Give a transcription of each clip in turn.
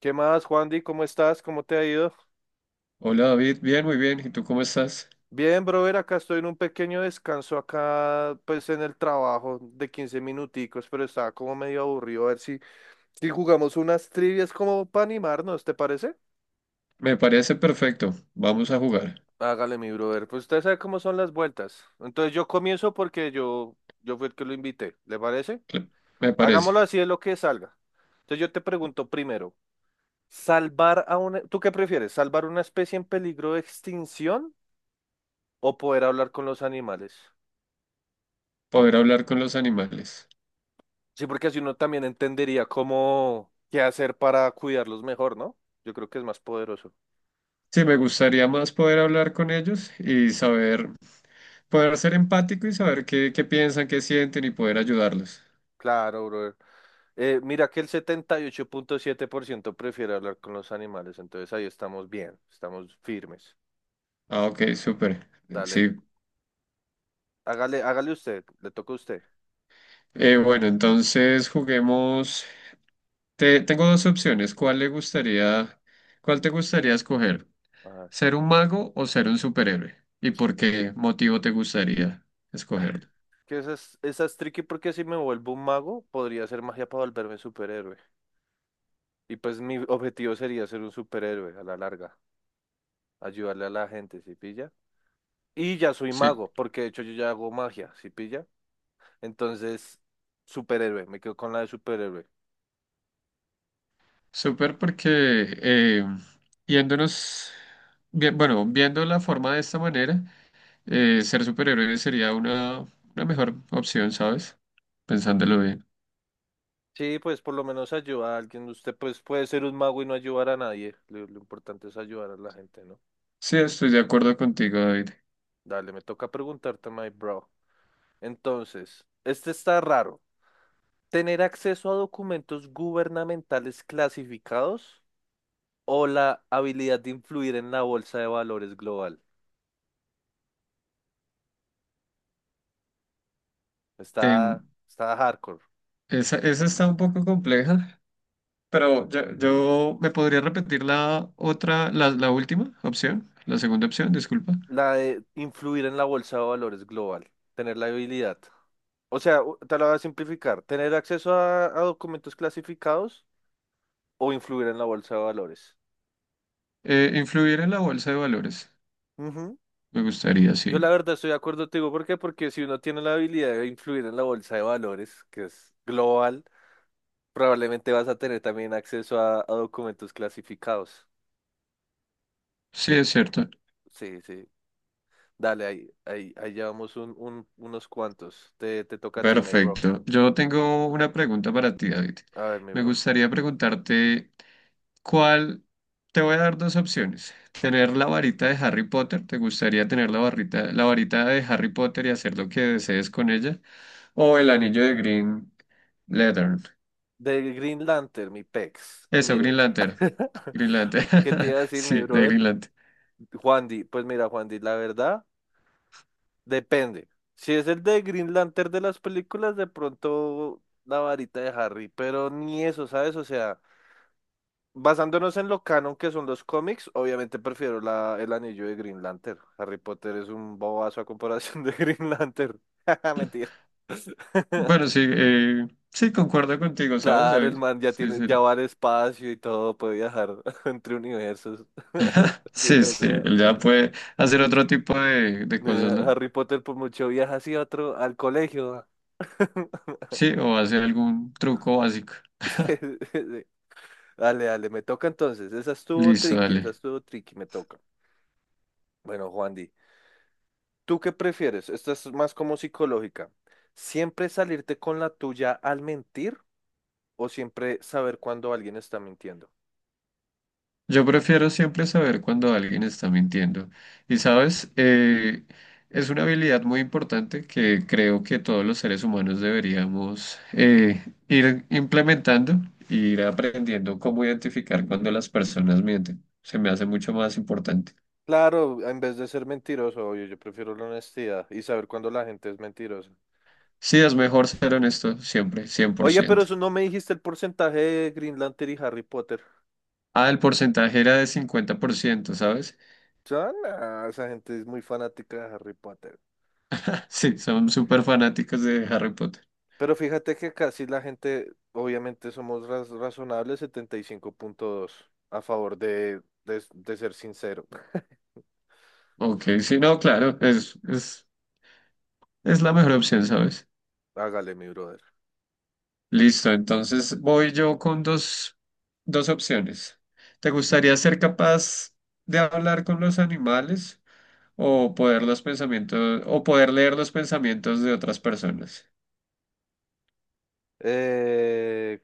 ¿Qué más, Juandi? ¿Cómo estás? ¿Cómo te ha ido? Hola David, bien, muy bien. ¿Y tú cómo estás? Bien, brother, acá estoy en un pequeño descanso acá, pues en el trabajo de 15 minuticos, pero estaba como medio aburrido. A ver si jugamos unas trivias como para animarnos, ¿te parece? Me parece perfecto. Vamos a jugar. Hágale, mi brother. Pues usted sabe cómo son las vueltas. Entonces yo comienzo porque yo fui el que lo invité, ¿le parece? Cl- Me parece. Hagámoslo así de lo que salga. Entonces yo te pregunto primero. ¿Tú qué prefieres? ¿Salvar una especie en peligro de extinción o poder hablar con los animales? Poder hablar con los animales. Sí, porque así uno también entendería cómo qué hacer para cuidarlos mejor, ¿no? Yo creo que es más poderoso. Sí, me O- gustaría más poder hablar con ellos y saber, poder ser empático y saber qué piensan, qué sienten y poder ayudarlos. claro, brother. Mira que el 78.7% prefiere hablar con los animales, entonces ahí estamos bien, estamos firmes. Ah, ok, súper. Dale, Sí. hágale, hágale usted, le toca a usted. Bueno, entonces juguemos. Tengo dos opciones. ¿Cuál te gustaría escoger? Ajá. ¿Ser un mago o ser un superhéroe? ¿Y por qué motivo te gustaría escogerlo? Que esa es tricky porque si me vuelvo un mago, podría hacer magia para volverme superhéroe. Y pues mi objetivo sería ser un superhéroe a la larga, ayudarle a la gente, ¿sí pilla? Y ya soy Sí, mago, porque de hecho yo ya hago magia, ¿sí pilla? Entonces, superhéroe, me quedo con la de superhéroe. súper porque eh, yéndonos, bien, bueno, viendo la forma de esta manera, ser superhéroe sería una mejor opción, ¿sabes? Pensándolo bien. Sí, pues por lo menos ayuda a alguien. Usted pues puede ser un mago y no ayudar a nadie. Lo importante es ayudar a la gente, ¿no? Sí, estoy de acuerdo contigo, David. Dale, me toca preguntarte, my bro. Entonces, este está raro. ¿Tener acceso a documentos gubernamentales clasificados o la habilidad de influir en la bolsa de valores global? Em, Está hardcore. esa está un poco compleja, pero yo me podría repetir la otra, la última opción, la segunda opción, disculpa. La de influir en la bolsa de valores global, tener la habilidad. O sea, te la voy a simplificar, tener acceso a documentos clasificados o influir en la bolsa de valores. Influir en la bolsa de valores. Ujú. Me gustaría, Yo sí. la verdad estoy de acuerdo, te digo, ¿por qué? Porque si uno tiene la habilidad de influir en la bolsa de valores, que es global, probablemente vas a tener también acceso a documentos clasificados. Sí, es cierto. Sí, sí. Dale, ahí llevamos unos cuantos. Te toca a ti, mi bro. Perfecto. Yo tengo una pregunta para ti, David. A ver, mi Me bro. gustaría preguntarte cuál, te voy a dar dos opciones. Tener la varita de Harry Potter, ¿te gustaría tener la varita de Harry Potter y hacer lo que desees con ella? O el anillo de Green Lantern. De Green Lantern, mi pex. Eso, Green Mire, Lantern. Green Lantern. ¿qué te iba a decir, mi Sí, de brother? Green Lantern. Juandi, pues mira, Juandi, la verdad, depende. Si es el de Green Lantern de las películas, de pronto la varita de Harry, pero ni eso, ¿sabes? O sea, basándonos en lo canon que son los cómics, obviamente prefiero el anillo de Green Lantern. Harry Potter es un bobazo a comparación de Green Lantern. Mentira. Bueno, sí, sí, concuerdo contigo, ¿sabes, Claro, el David? man ya Sí, tiene, sí. ya va al espacio y todo, puede viajar entre universos. Sí, Sí, o sí, sea, él ya puede hacer otro tipo de cosas, ¿no? Harry Potter por mucho viaja así a otro, al colegio. Sí, o hacer algún truco básico. Sí, sí, sí. Dale, dale, me toca entonces. Listo, Esa dale. estuvo tricky, me toca. Bueno, Juandi, ¿tú qué prefieres? Esta es más como psicológica. ¿Siempre salirte con la tuya al mentir o siempre saber cuando alguien está mintiendo? Yo prefiero siempre saber cuando alguien está mintiendo. Y sabes, es una habilidad muy importante que creo que todos los seres humanos deberíamos ir implementando, e ir aprendiendo cómo identificar cuando las personas mienten. Se me hace mucho más importante. Claro, en vez de ser mentiroso, obvio, yo prefiero la honestidad y saber cuándo la gente es mentirosa. Sí, es Entonces, mejor ser sí. honesto siempre, cien por Oye, pero ciento. eso no me dijiste el porcentaje de Green Lantern y Harry Potter. Ah, el porcentaje era de 50%, ¿sabes? Ya, nah, esa gente es muy fanática de Harry Potter. Sí, son súper fanáticos de Harry Potter. Pero fíjate que casi la gente, obviamente somos razonables, 75.2 a favor de ser sincero. Ok, sí, no, claro, es la mejor opción, ¿sabes? Hágale, mi brother. Listo, entonces voy yo con dos opciones. ¿Te gustaría ser capaz de hablar con los animales o poder leer los pensamientos de otras personas? Eh,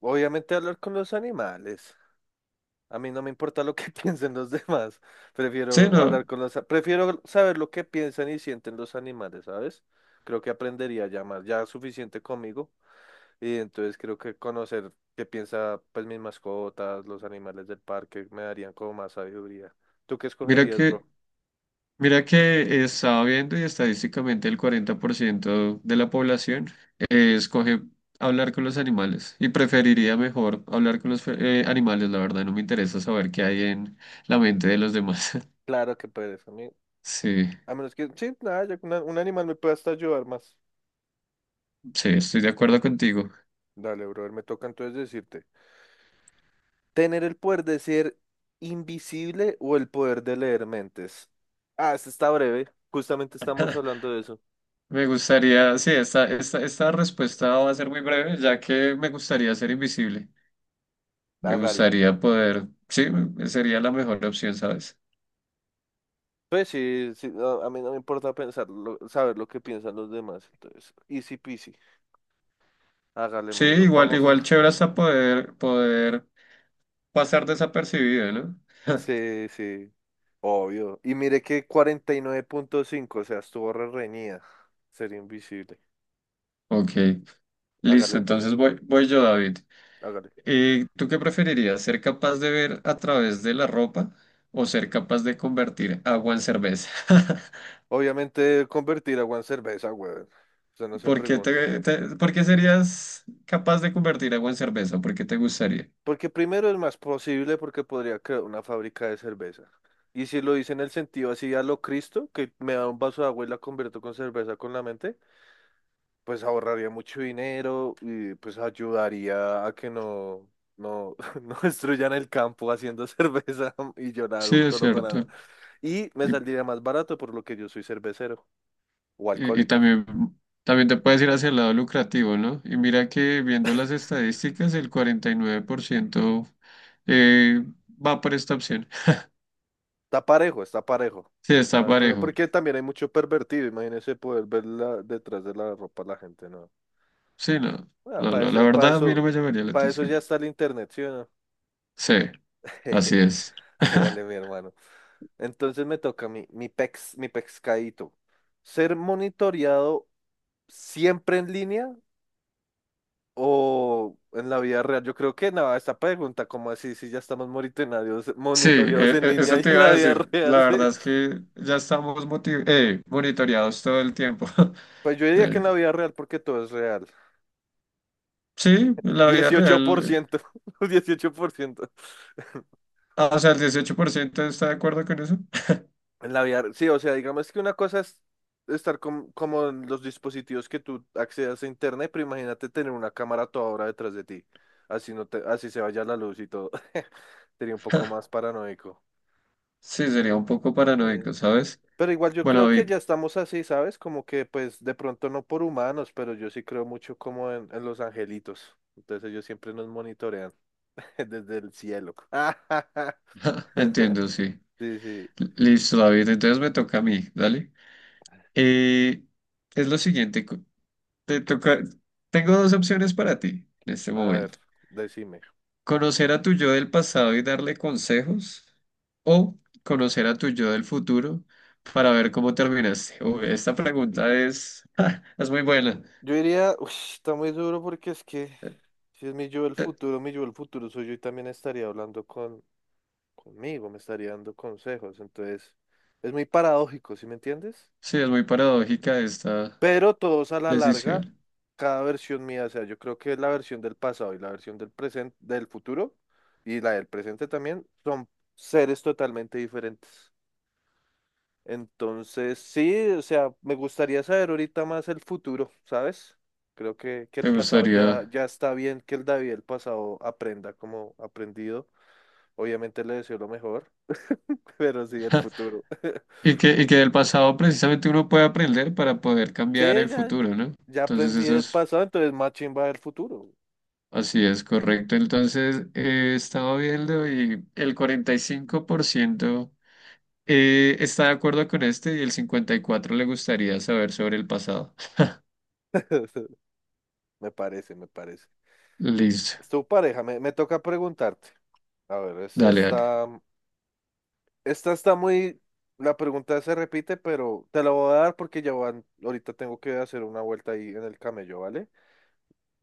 obviamente hablar con los animales. A mí no me importa lo que piensen los demás. Sí, Prefiero hablar no, con los... a- Prefiero saber lo que piensan y sienten los animales, ¿sabes? Creo que aprendería ya más, ya suficiente conmigo. Y entonces creo que conocer qué piensa, pues, mis mascotas, los animales del parque, me darían como más sabiduría. ¿Tú qué mira escogerías, que bro? Mira que estaba viendo y estadísticamente el 40% de la población escoge hablar con los animales y preferiría mejor hablar con animales, la verdad no me interesa saber qué hay en la mente de los demás. Claro que puedes. A mí, Sí, a menos que... Sí, nada, ya que un animal me puede hasta ayudar más. sí, estoy de acuerdo contigo. Dale, bro, me toca entonces decirte. Tener el poder de ser invisible o el poder de leer mentes. Ah, esta está breve. Justamente estamos hablando de eso. Me gustaría, sí, esta respuesta va a ser muy breve, ya que me gustaría ser invisible. Me Hágale. gustaría sí, sería la mejor opción, ¿sabes? Pues sí, sí, a mí no me importa pensar, saber lo que piensan los demás. Entonces, easy peasy. Hágale, Sí, mi bro. igual, Vamos a. igual chévere hasta poder pasar desapercibido, ¿no? Sí, sí. Obvio. Y mire que 49.5, o sea, estuvo re reñida. Sería invisible. Ok, listo, Hágale, entonces voy yo, David. hágale. ¿Tú qué preferirías? ¿Ser capaz de ver a través de la ropa o ser capaz de convertir agua en cerveza? Obviamente, convertir agua en cerveza, weón. Eso no se ¿Por qué pregunta. te- te- por qué serías capaz de convertir agua en cerveza? ¿Por qué te gustaría? Porque primero es más posible porque podría crear una fábrica de cerveza. Y si lo hice en el sentido así a lo Cristo, que me da un vaso de agua y la convierto con cerveza con la mente, pues ahorraría mucho dinero y pues ayudaría a que no, no destruyan el campo haciendo cerveza y yo la Sí, hago es solo con agua. cierto. Y me Y, saldría más barato por lo que yo soy cervecero o y alcohólico. también te puedes ir hacia el lado lucrativo, ¿no? Y mira que viendo las estadísticas, el 49% eh, va por esta opción. Está parejo, está parejo. Sí, está Ah, parejo. porque también hay mucho pervertido, imagínese poder ver detrás de la ropa a la gente, ¿no? Sí, no, Ah, no, no, la verdad a mí no me llamaría la para eso ya atención. está el internet, ¿sí o no? Sí, así es. Hágale, mi hermano. Entonces me toca mi pex, mi pescadito. ¿Ser monitoreado siempre en línea o en la vida real? Yo creo que nada, esta pregunta, como así, si ya estamos Sí, monitoreados en línea eso y te en iba la a vida decir. La real. Sí. verdad es que ya estamos monitoreados todo el tiempo. Pues yo diría que De- en la vida real porque todo es real. sí, Dieciocho la vida dieciocho real. por ciento 18%. Ah, o sea, el 18% está de acuerdo con eso. En la vida, sí, o sea, digamos que una cosa es como en los dispositivos que tú accedas a internet, pero imagínate tener una cámara a toda hora detrás de ti. Así no te, así se vaya la luz y todo. Sería un poco más paranoico. Sí, sería un poco Eh, paranoico, ¿sabes? Pero igual yo Bueno, creo que David, ya estamos así, ¿sabes? Como que pues de pronto no por humanos, pero yo sí creo mucho como en los angelitos. Entonces ellos siempre nos monitorean desde el cielo. entiendo, sí. Sí, sí. Listo, David, entonces me toca a mí, dale. Eh, es lo siguiente, te toca, tengo dos opciones para ti en este A ver, momento. decime. ¿Conocer a tu yo del pasado y darle consejos? ¿O conocer a tu yo del futuro para ver cómo terminaste? Uy, esta pregunta es, es muy buena. Yo diría, uy, está muy duro porque es que Eh, si es mi yo del eh, futuro, mi yo del futuro soy yo y también estaría hablando conmigo, me estaría dando consejos. Entonces, es muy paradójico, ¿sí me entiendes? Sí, es muy paradójica esta Pero todos a la larga, decisión. cada versión mía, o sea, yo creo que la versión del pasado y la versión del presente, del futuro y la del presente también son seres totalmente diferentes. Entonces, sí, o sea, me gustaría saber ahorita más el futuro, ¿sabes? Creo que el Me pasado ya, gustaría. ya está bien, que el David del pasado aprenda como aprendido. Obviamente le deseo lo mejor, pero sí el futuro. Y que del pasado precisamente uno puede aprender para poder cambiar Sí, el futuro, ¿no? ya Entonces aprendí eso del es, pasado, entonces más chimba del futuro. así es, correcto. Entonces estaba viendo y el 45%. Está de acuerdo con este y el 54 le gustaría saber sobre el pasado. Me parece, me parece. Listo. Es tu pareja, me toca preguntarte. A ver, esta Dale, dale. está. Esta está muy... La pregunta se repite, pero te la voy a dar porque ya van... Ahorita tengo que hacer una vuelta ahí en el camello, ¿vale?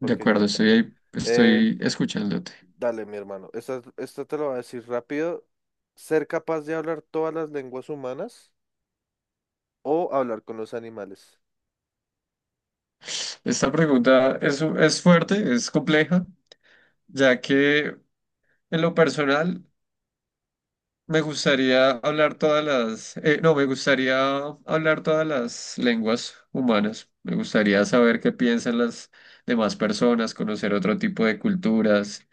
De ya acuerdo, me... estoy ahí, Eh, estoy escuchándote. dale, mi hermano. Esta te la voy a decir rápido. ¿Ser capaz de hablar todas las lenguas humanas o hablar con los animales? Esta pregunta es fuerte, es compleja, ya que en lo personal me gustaría hablar no, me gustaría hablar todas las lenguas humanas. Me gustaría saber qué piensan las demás personas, conocer otro tipo de culturas.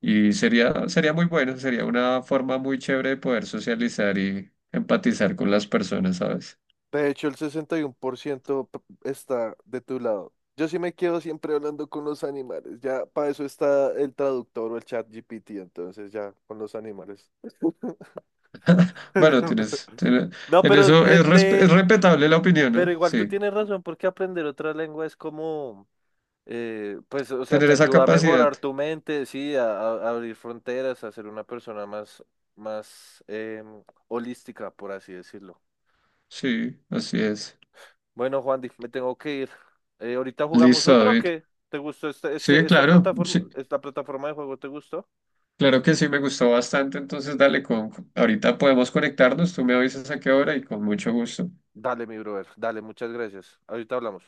Y sería muy bueno, sería una forma muy chévere de poder socializar y empatizar con las personas, ¿sabes? De hecho, el 61% está de tu lado. Yo sí me quedo siempre hablando con los animales. Ya para eso está el traductor o el chat GPT, entonces ya con los animales. Bueno, No, en pero eso es de respetable la opinión, Pero ¿no? igual tú Sí, tienes razón, porque aprender otra lengua es como, pues, o sea, tener te esa ayuda a capacidad. mejorar tu mente, sí, a abrir fronteras, a ser una persona más holística, por así decirlo. Sí, así es. Bueno, Juan, me tengo que ir. Ahorita jugamos Listo, otro, ¿o David. qué? ¿Te gustó Sí, claro, sí, esta plataforma de juego? ¿Te gustó? claro que sí, me gustó bastante. Entonces, ahorita podemos conectarnos, tú me avisas a qué hora y con mucho gusto. Dale, mi brother, dale, muchas gracias. Ahorita hablamos.